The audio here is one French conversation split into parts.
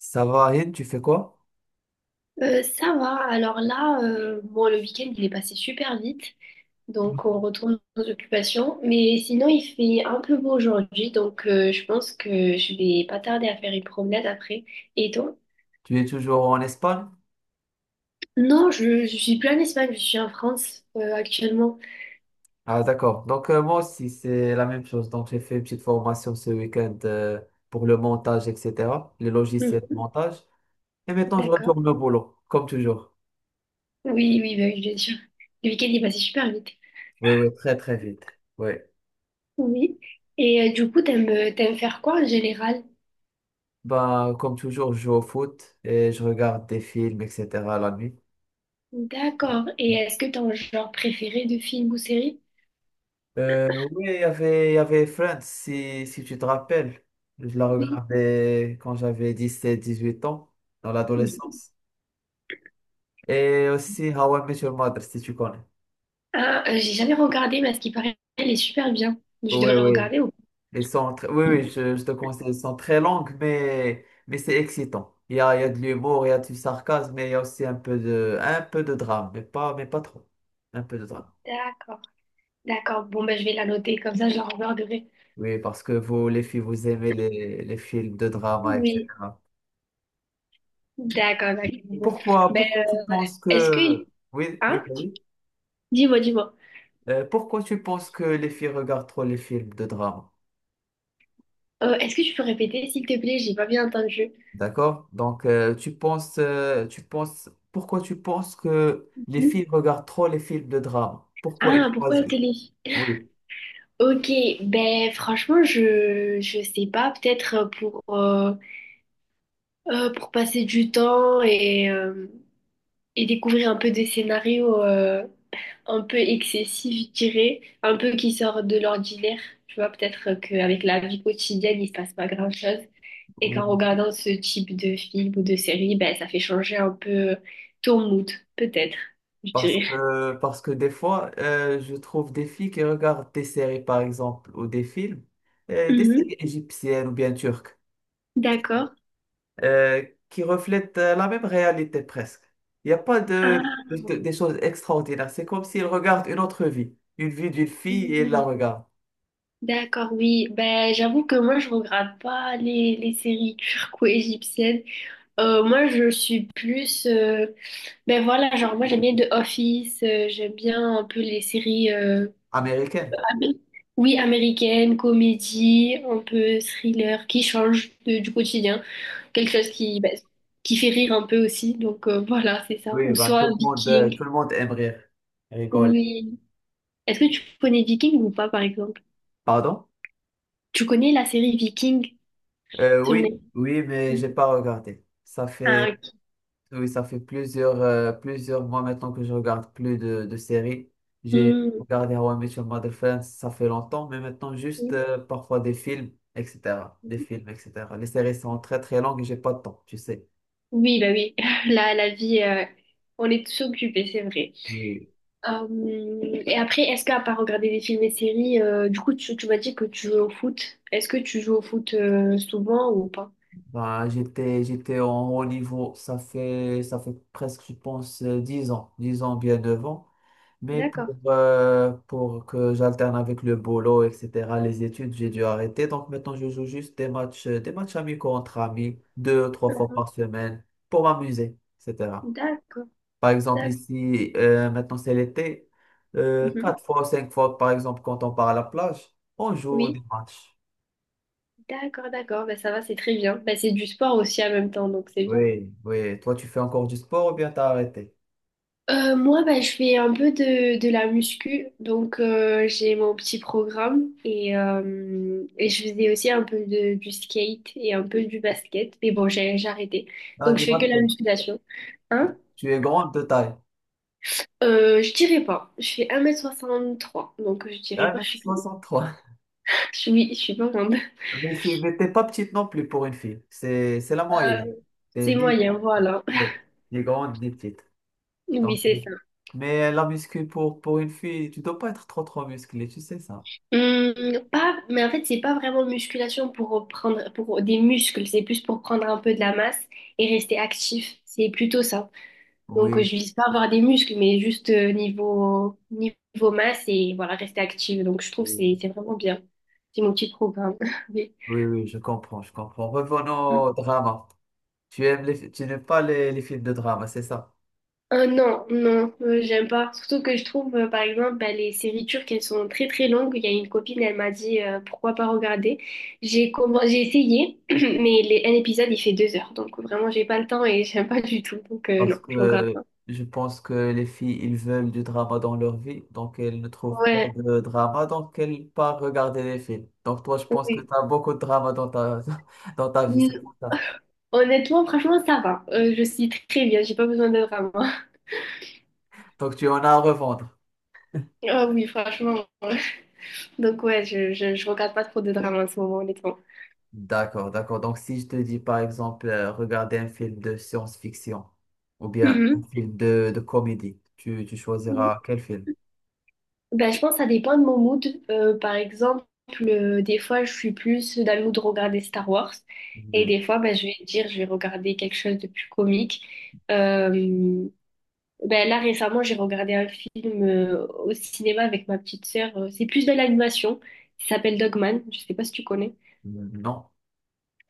Ça va, Aïd, tu fais quoi? Ça va. Alors là, le week-end, il est passé super vite. Donc, on retourne aux occupations. Mais sinon, il fait un peu beau aujourd'hui. Donc, je pense que je vais pas tarder à faire une promenade après. Et toi? Tu es toujours en Espagne? Non, je suis plus en Espagne. Je suis en France, actuellement. Ah, d'accord. Donc, moi aussi, c'est la même chose. Donc, j'ai fait une petite formation ce week-end pour le montage, etc., les logiciels de Mhm. montage. Et maintenant, je D'accord. retourne au boulot, comme toujours. Oui, oui, bah oui, bien sûr. Le week-end, il est passé super vite. Oui, oui, très, très vite. Oui. Oui. Et du coup, t'aimes faire quoi en général? Bah, comme toujours, je joue au foot et je regarde des films, etc., la nuit. D'accord. Et est-ce que t'as un genre préféré de film ou série? Oui, il y avait Friends, si tu te rappelles. Je la Oui. regardais quand j'avais 17-18 ans, dans l'adolescence. Et aussi How I Met Your Mother, si tu connais. J'ai jamais regardé, mais à ce qui paraît, elle est super bien. Je Oui, devrais oui. regarder ou… Oui, oui, je te conseille. Ils sont très longues, mais c'est excitant. Il y a de l'humour, il y a du sarcasme, mais il y a aussi un peu de drame, mais pas trop. Un peu de drame. D'accord, d'accord. Bon, ben, je vais la noter, comme ça, je la regarderai. Oui, parce que vous, les filles, vous aimez les films de drama, Oui. etc. D'accord, d'accord. Bon. Ben, Pourquoi tu penses est-ce que... que... Oui, oui, Hein? vas-y. Dis-moi, dis-moi. Pourquoi tu penses que les filles regardent trop les films de drame? Est-ce que tu peux répéter, s'il te plaît? J'ai pas bien entendu. D'accord? Donc, pourquoi tu penses que les filles regardent trop les films de drame? Pourquoi Ah, ils pourquoi la choisissent? télé? Oui, Ok, ben franchement, je sais pas, peut-être pour passer du temps et découvrir un peu des scénarios. Un peu excessif, je dirais, un peu qui sort de l'ordinaire. Tu vois, peut-être qu'avec la vie quotidienne, il se passe pas grand-chose. Et qu'en oui. regardant ce type de film ou de série, ben, ça fait changer un peu ton mood, peut-être, je dirais. Parce que des fois, je trouve des filles qui regardent des séries, par exemple, ou des films, des Mhm. séries égyptiennes ou bien turques, D'accord. euh, qui reflètent la même réalité presque. Il n'y a pas Ah, des choses extraordinaires. C'est comme s'ils regardent une autre vie, une vie d'une fille et ils la oui. regardent. D'accord, oui. Ben, j'avoue que moi, je regarde pas les séries turco-égyptiennes. Moi, je suis plus… ben voilà, genre moi, j'aime bien The Office, j'aime bien un peu les séries… Américaine. Oui, américaine, comédie, un peu thriller, qui change du quotidien. Quelque chose qui, bah, qui fait rire un peu aussi. Donc voilà, c'est ça. Oui, Ou bah, soit tout Viking. le monde aime rire, rigoler. Oui. Est-ce que tu connais Viking ou pas, par exemple? Pardon? Tu connais la série Viking sur Oui, Netflix? oui, mais j'ai pas regardé. Ça Ah, fait, ok. oui, ça fait plusieurs mois maintenant que je regarde plus de séries. J'ai Hmm. regardé How I Met Your Mother Friends, ça fait longtemps, mais maintenant juste parfois des films, etc. Des films, etc. Les séries sont très très longues et j'ai pas de temps, tu sais. Oui, bah oui. La vie, on est tous occupés, c'est vrai. Oui. Et après, est-ce qu'à part regarder des films et séries, du coup, tu m'as dit que tu joues au foot. Est-ce que tu joues au foot souvent ou pas? Bah, j'étais en haut niveau, ça fait presque, je pense, 10 ans, 10 ans, bien devant. Mais D'accord. Pour que j'alterne avec le boulot, etc., les études, j'ai dû arrêter. Donc maintenant, je joue juste des matchs amicaux entre amis, deux, trois fois par semaine, pour m'amuser, etc. D'accord. Par exemple, D'accord. ici, maintenant c'est l'été, Mhm. quatre fois, cinq fois, par exemple, quand on part à la plage, on joue Oui. des matchs. D'accord, d'accord. Bah, ça va, c'est très bien. Bah, c'est du sport aussi en même temps, donc c'est bien. Oui, oui. Toi, tu fais encore du sport ou bien t'as arrêté? Moi, bah, je fais un peu de la muscu, donc j'ai mon petit programme et et je faisais aussi un peu du skate et un peu du basket, mais bon, j'ai arrêté. Ah, Donc je du fais que la basket. musculation. Hein. Tu es grande de taille. Je dirais pas. Je fais 1,63 m, donc je dirais pas, 1,63 m. je suis, je suis pas grande. Mais tu n'étais pas petite non plus pour une fille. C'est la Euh, moyenne. T'es C'est ni moyen, grande, voilà. ouais, ni grande, ni petite. Oui, Donc, c'est ça. mais la muscu pour une fille, tu dois pas être trop trop musclé, tu sais ça. Hum, pas, mais en fait, c'est pas vraiment musculation pour prendre pour des muscles, c'est plus pour prendre un peu de la masse et rester actif. C'est plutôt ça. Donc, je Oui, vise pas avoir des muscles, mais juste niveau, niveau masse et voilà, rester active. Donc, je trouve que euh, c'est vraiment bien. C'est mon petit programme. Oui. oui, oui, je comprends, je comprends. Revenons Hum. au drama. Tu n'aimes pas les films de drama, c'est ça? Non, non, j'aime pas. Surtout que je trouve, par exemple, bah, les séries turques, elles sont très très longues. Il y a une copine, elle m'a dit pourquoi pas regarder. J'ai essayé, mais un épisode, il fait 2 heures. Donc vraiment, j'ai pas le temps et j'aime pas du tout. Donc Parce non, je regarde que pas. je pense que les filles, ils veulent du drama dans leur vie, donc elles ne trouvent pas Ouais, de drama, donc elles partent regarder les films. Donc toi, je pense que tu oui. as beaucoup de drama dans ta, dans ta vie, c'est Mm, pour ça. honnêtement, franchement, ça va. Je suis très bien, j'ai pas besoin de drama. Donc tu en as à revendre. Ah oui, franchement, ouais. Donc ouais, je regarde pas trop de drama en ce moment, honnêtement. D'accord, d'accord. Donc si je te dis par exemple, regarder un film de science-fiction ou bien un Mhm. film de comédie, tu choisiras quel film? Ben, je pense que ça dépend de mon mood. Par exemple, des fois, je suis plus dans le mood de regarder Star Wars. Et Euh, des fois, ben, je vais regarder quelque chose de plus comique. Euh, ben, là, récemment, j'ai regardé un film au cinéma avec ma petite sœur. C'est plus de l'animation. Il s'appelle Dogman. Je sais pas si tu connais. Non.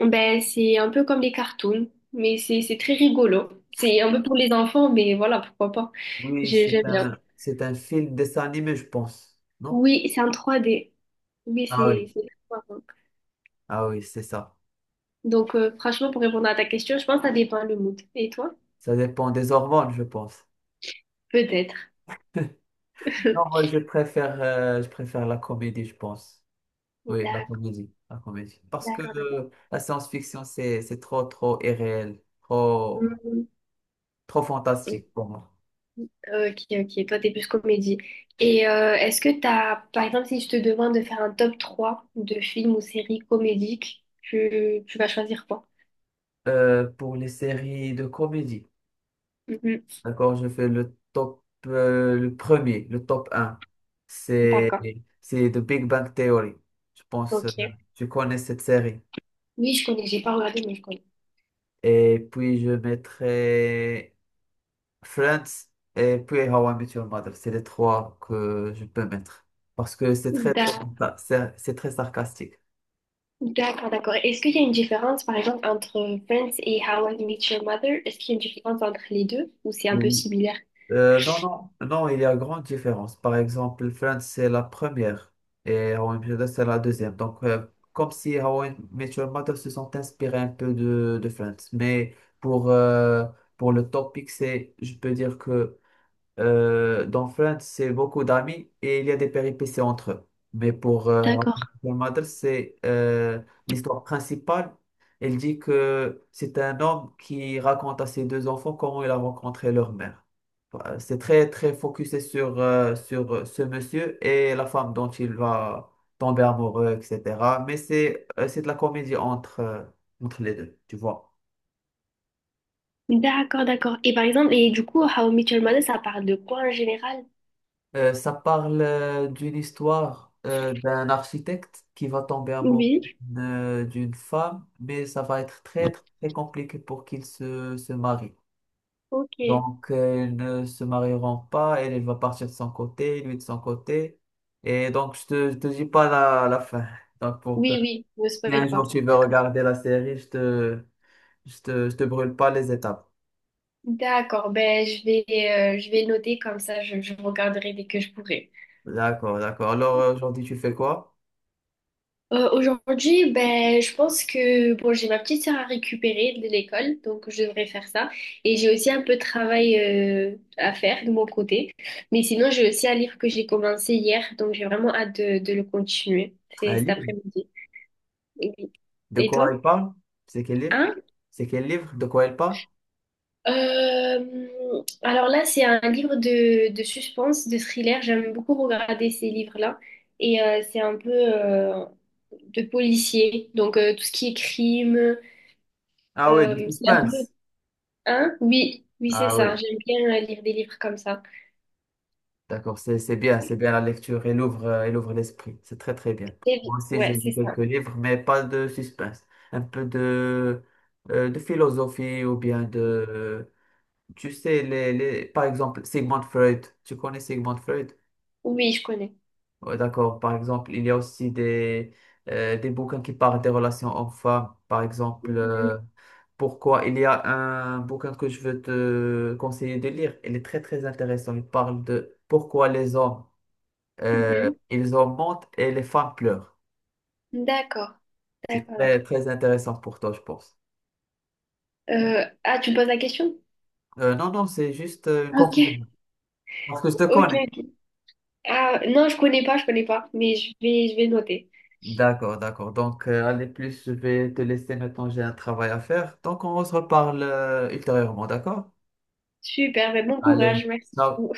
Ben, c'est un peu comme les cartoons, mais c'est très rigolo. C'est un peu pour les enfants, mais voilà, pourquoi pas. Oui, J'aime bien. C'est un film dessin animé, je pense. Non? Oui, c'est en 3D. Oui, Ah oui, c'est très sympa. ah oui, c'est ça. Donc, franchement, pour répondre à ta question, je pense que ça dépend le mood. Et toi? Ça dépend des hormones, je pense. Peut-être. Non, moi, je préfère la comédie, je pense. Oui, la D'accord, comédie, la comédie. Parce que d'accord, d'accord. La science-fiction, c'est trop, trop irréel, trop, Mhm. trop fantastique pour moi. Ok, ok. Toi, t'es plus comédie. Et est-ce que t'as, par exemple, si je te demande de faire un top 3 de films ou séries comédiques, tu vas choisir quoi? Pour les séries de comédie, Mhm. d'accord, je fais le top, le premier, le top un, C'est, D'accord, c'est The Big Bang Theory. Je pense, ok. tu connais cette série. Oui, je connais, j'ai pas regardé, mais je connais. Et puis, je mettrai Friends et puis How I Met Your Mother. C'est les trois que je peux mettre. Parce que c'est très, très, D'a- sympa, c'est très sarcastique. D'accord, d'accord. Est-ce qu'il y a une différence, par exemple, entre Friends et How I Met Your Mother? Est-ce qu'il y a une différence entre les deux ou c'est un peu Oui. similaire? Non, non, non, il y a grande différence. Par exemple, Friends, c'est la première et How I Met Your Mother, c'est la deuxième. Donc, comme si How I Met Your Mother se sont inspirés un peu de Friends. Mais pour le topic, c'est, je peux dire que dans Friends, c'est beaucoup d'amis et il y a des péripéties entre eux. Mais D'accord. pour Mother, c'est l'histoire principale. Elle dit que c'est un homme qui raconte à ses deux enfants comment il a rencontré leur mère. C'est très, très focusé sur ce monsieur et la femme dont il va tomber amoureux, etc. Mais c'est de la comédie entre les deux, tu vois. D'accord, d'accord. Et par exemple, et du coup, How I Met Your Mother, ça parle de quoi en général? Ça parle d'une histoire d'un architecte qui va tomber amoureux Oui. D'une femme, mais ça va être très, très, très compliqué pour qu'il se marie. Ok. Oui, Donc, ils ne se marieront pas, elle va partir de son côté, lui de son côté. Et donc, je te dis pas la fin. Donc, pour que oui, ne si un spoil pas. jour tu veux D'accord. regarder la série, je te brûle pas les étapes. D'accord, ben je vais le noter comme ça je regarderai dès que je pourrai. D'accord, d'accord. Alors, aujourd'hui, tu fais quoi? Aujourd'hui, ben je pense que bon, j'ai ma petite sœur à récupérer de l'école, donc je devrais faire ça et j'ai aussi un peu de travail à faire de mon côté. Mais sinon, j'ai aussi un livre que j'ai commencé hier, donc j'ai vraiment hâte de le continuer. C'est Un cet livre? après-midi. Et, De et quoi toi? il parle? C'est quel livre? Hein? C'est quel livre? De quoi il parle? Alors là, c'est un livre de suspense, de thriller. J'aime beaucoup regarder ces livres-là. Et c'est un peu de policier. Donc tout ce qui est crime, Ah oui, du c'est un peu… suspense. Hein? Oui, oui, c'est Ah ça. oui, J'aime bien lire des livres comme ça. d'accord, c'est bien la lecture. Elle ouvre l'esprit. C'est très très bien. Moi aussi, j'ai Ouais, lu c'est quelques ça. livres, mais pas de suspense. Un peu de philosophie ou bien de... Tu sais, les, par exemple, Sigmund Freud. Tu connais Sigmund Freud? Oui, je connais. Ouais, d'accord. Par exemple, il y a aussi des bouquins qui parlent des relations hommes-femmes. Par exemple, Mhm, pourquoi il y a un bouquin que je veux te conseiller de lire. Il est très, très intéressant. Il parle de pourquoi les hommes, mhm. ils augmentent et les femmes pleurent. D'accord, C'est d'accord, très, d'accord. très intéressant pour toi, je pense. Ah, tu me poses la question? Non, non, c'est juste une Ok, conclusion. Parce que je te ok, connais. ok. Ah, non, je connais pas, mais je vais noter. D'accord, d'accord. Donc, allez, plus, je vais te laisser maintenant. J'ai un travail à faire. Donc, on se reparle ultérieurement, d'accord? Super, ben bon Allez, courage, merci. ciao.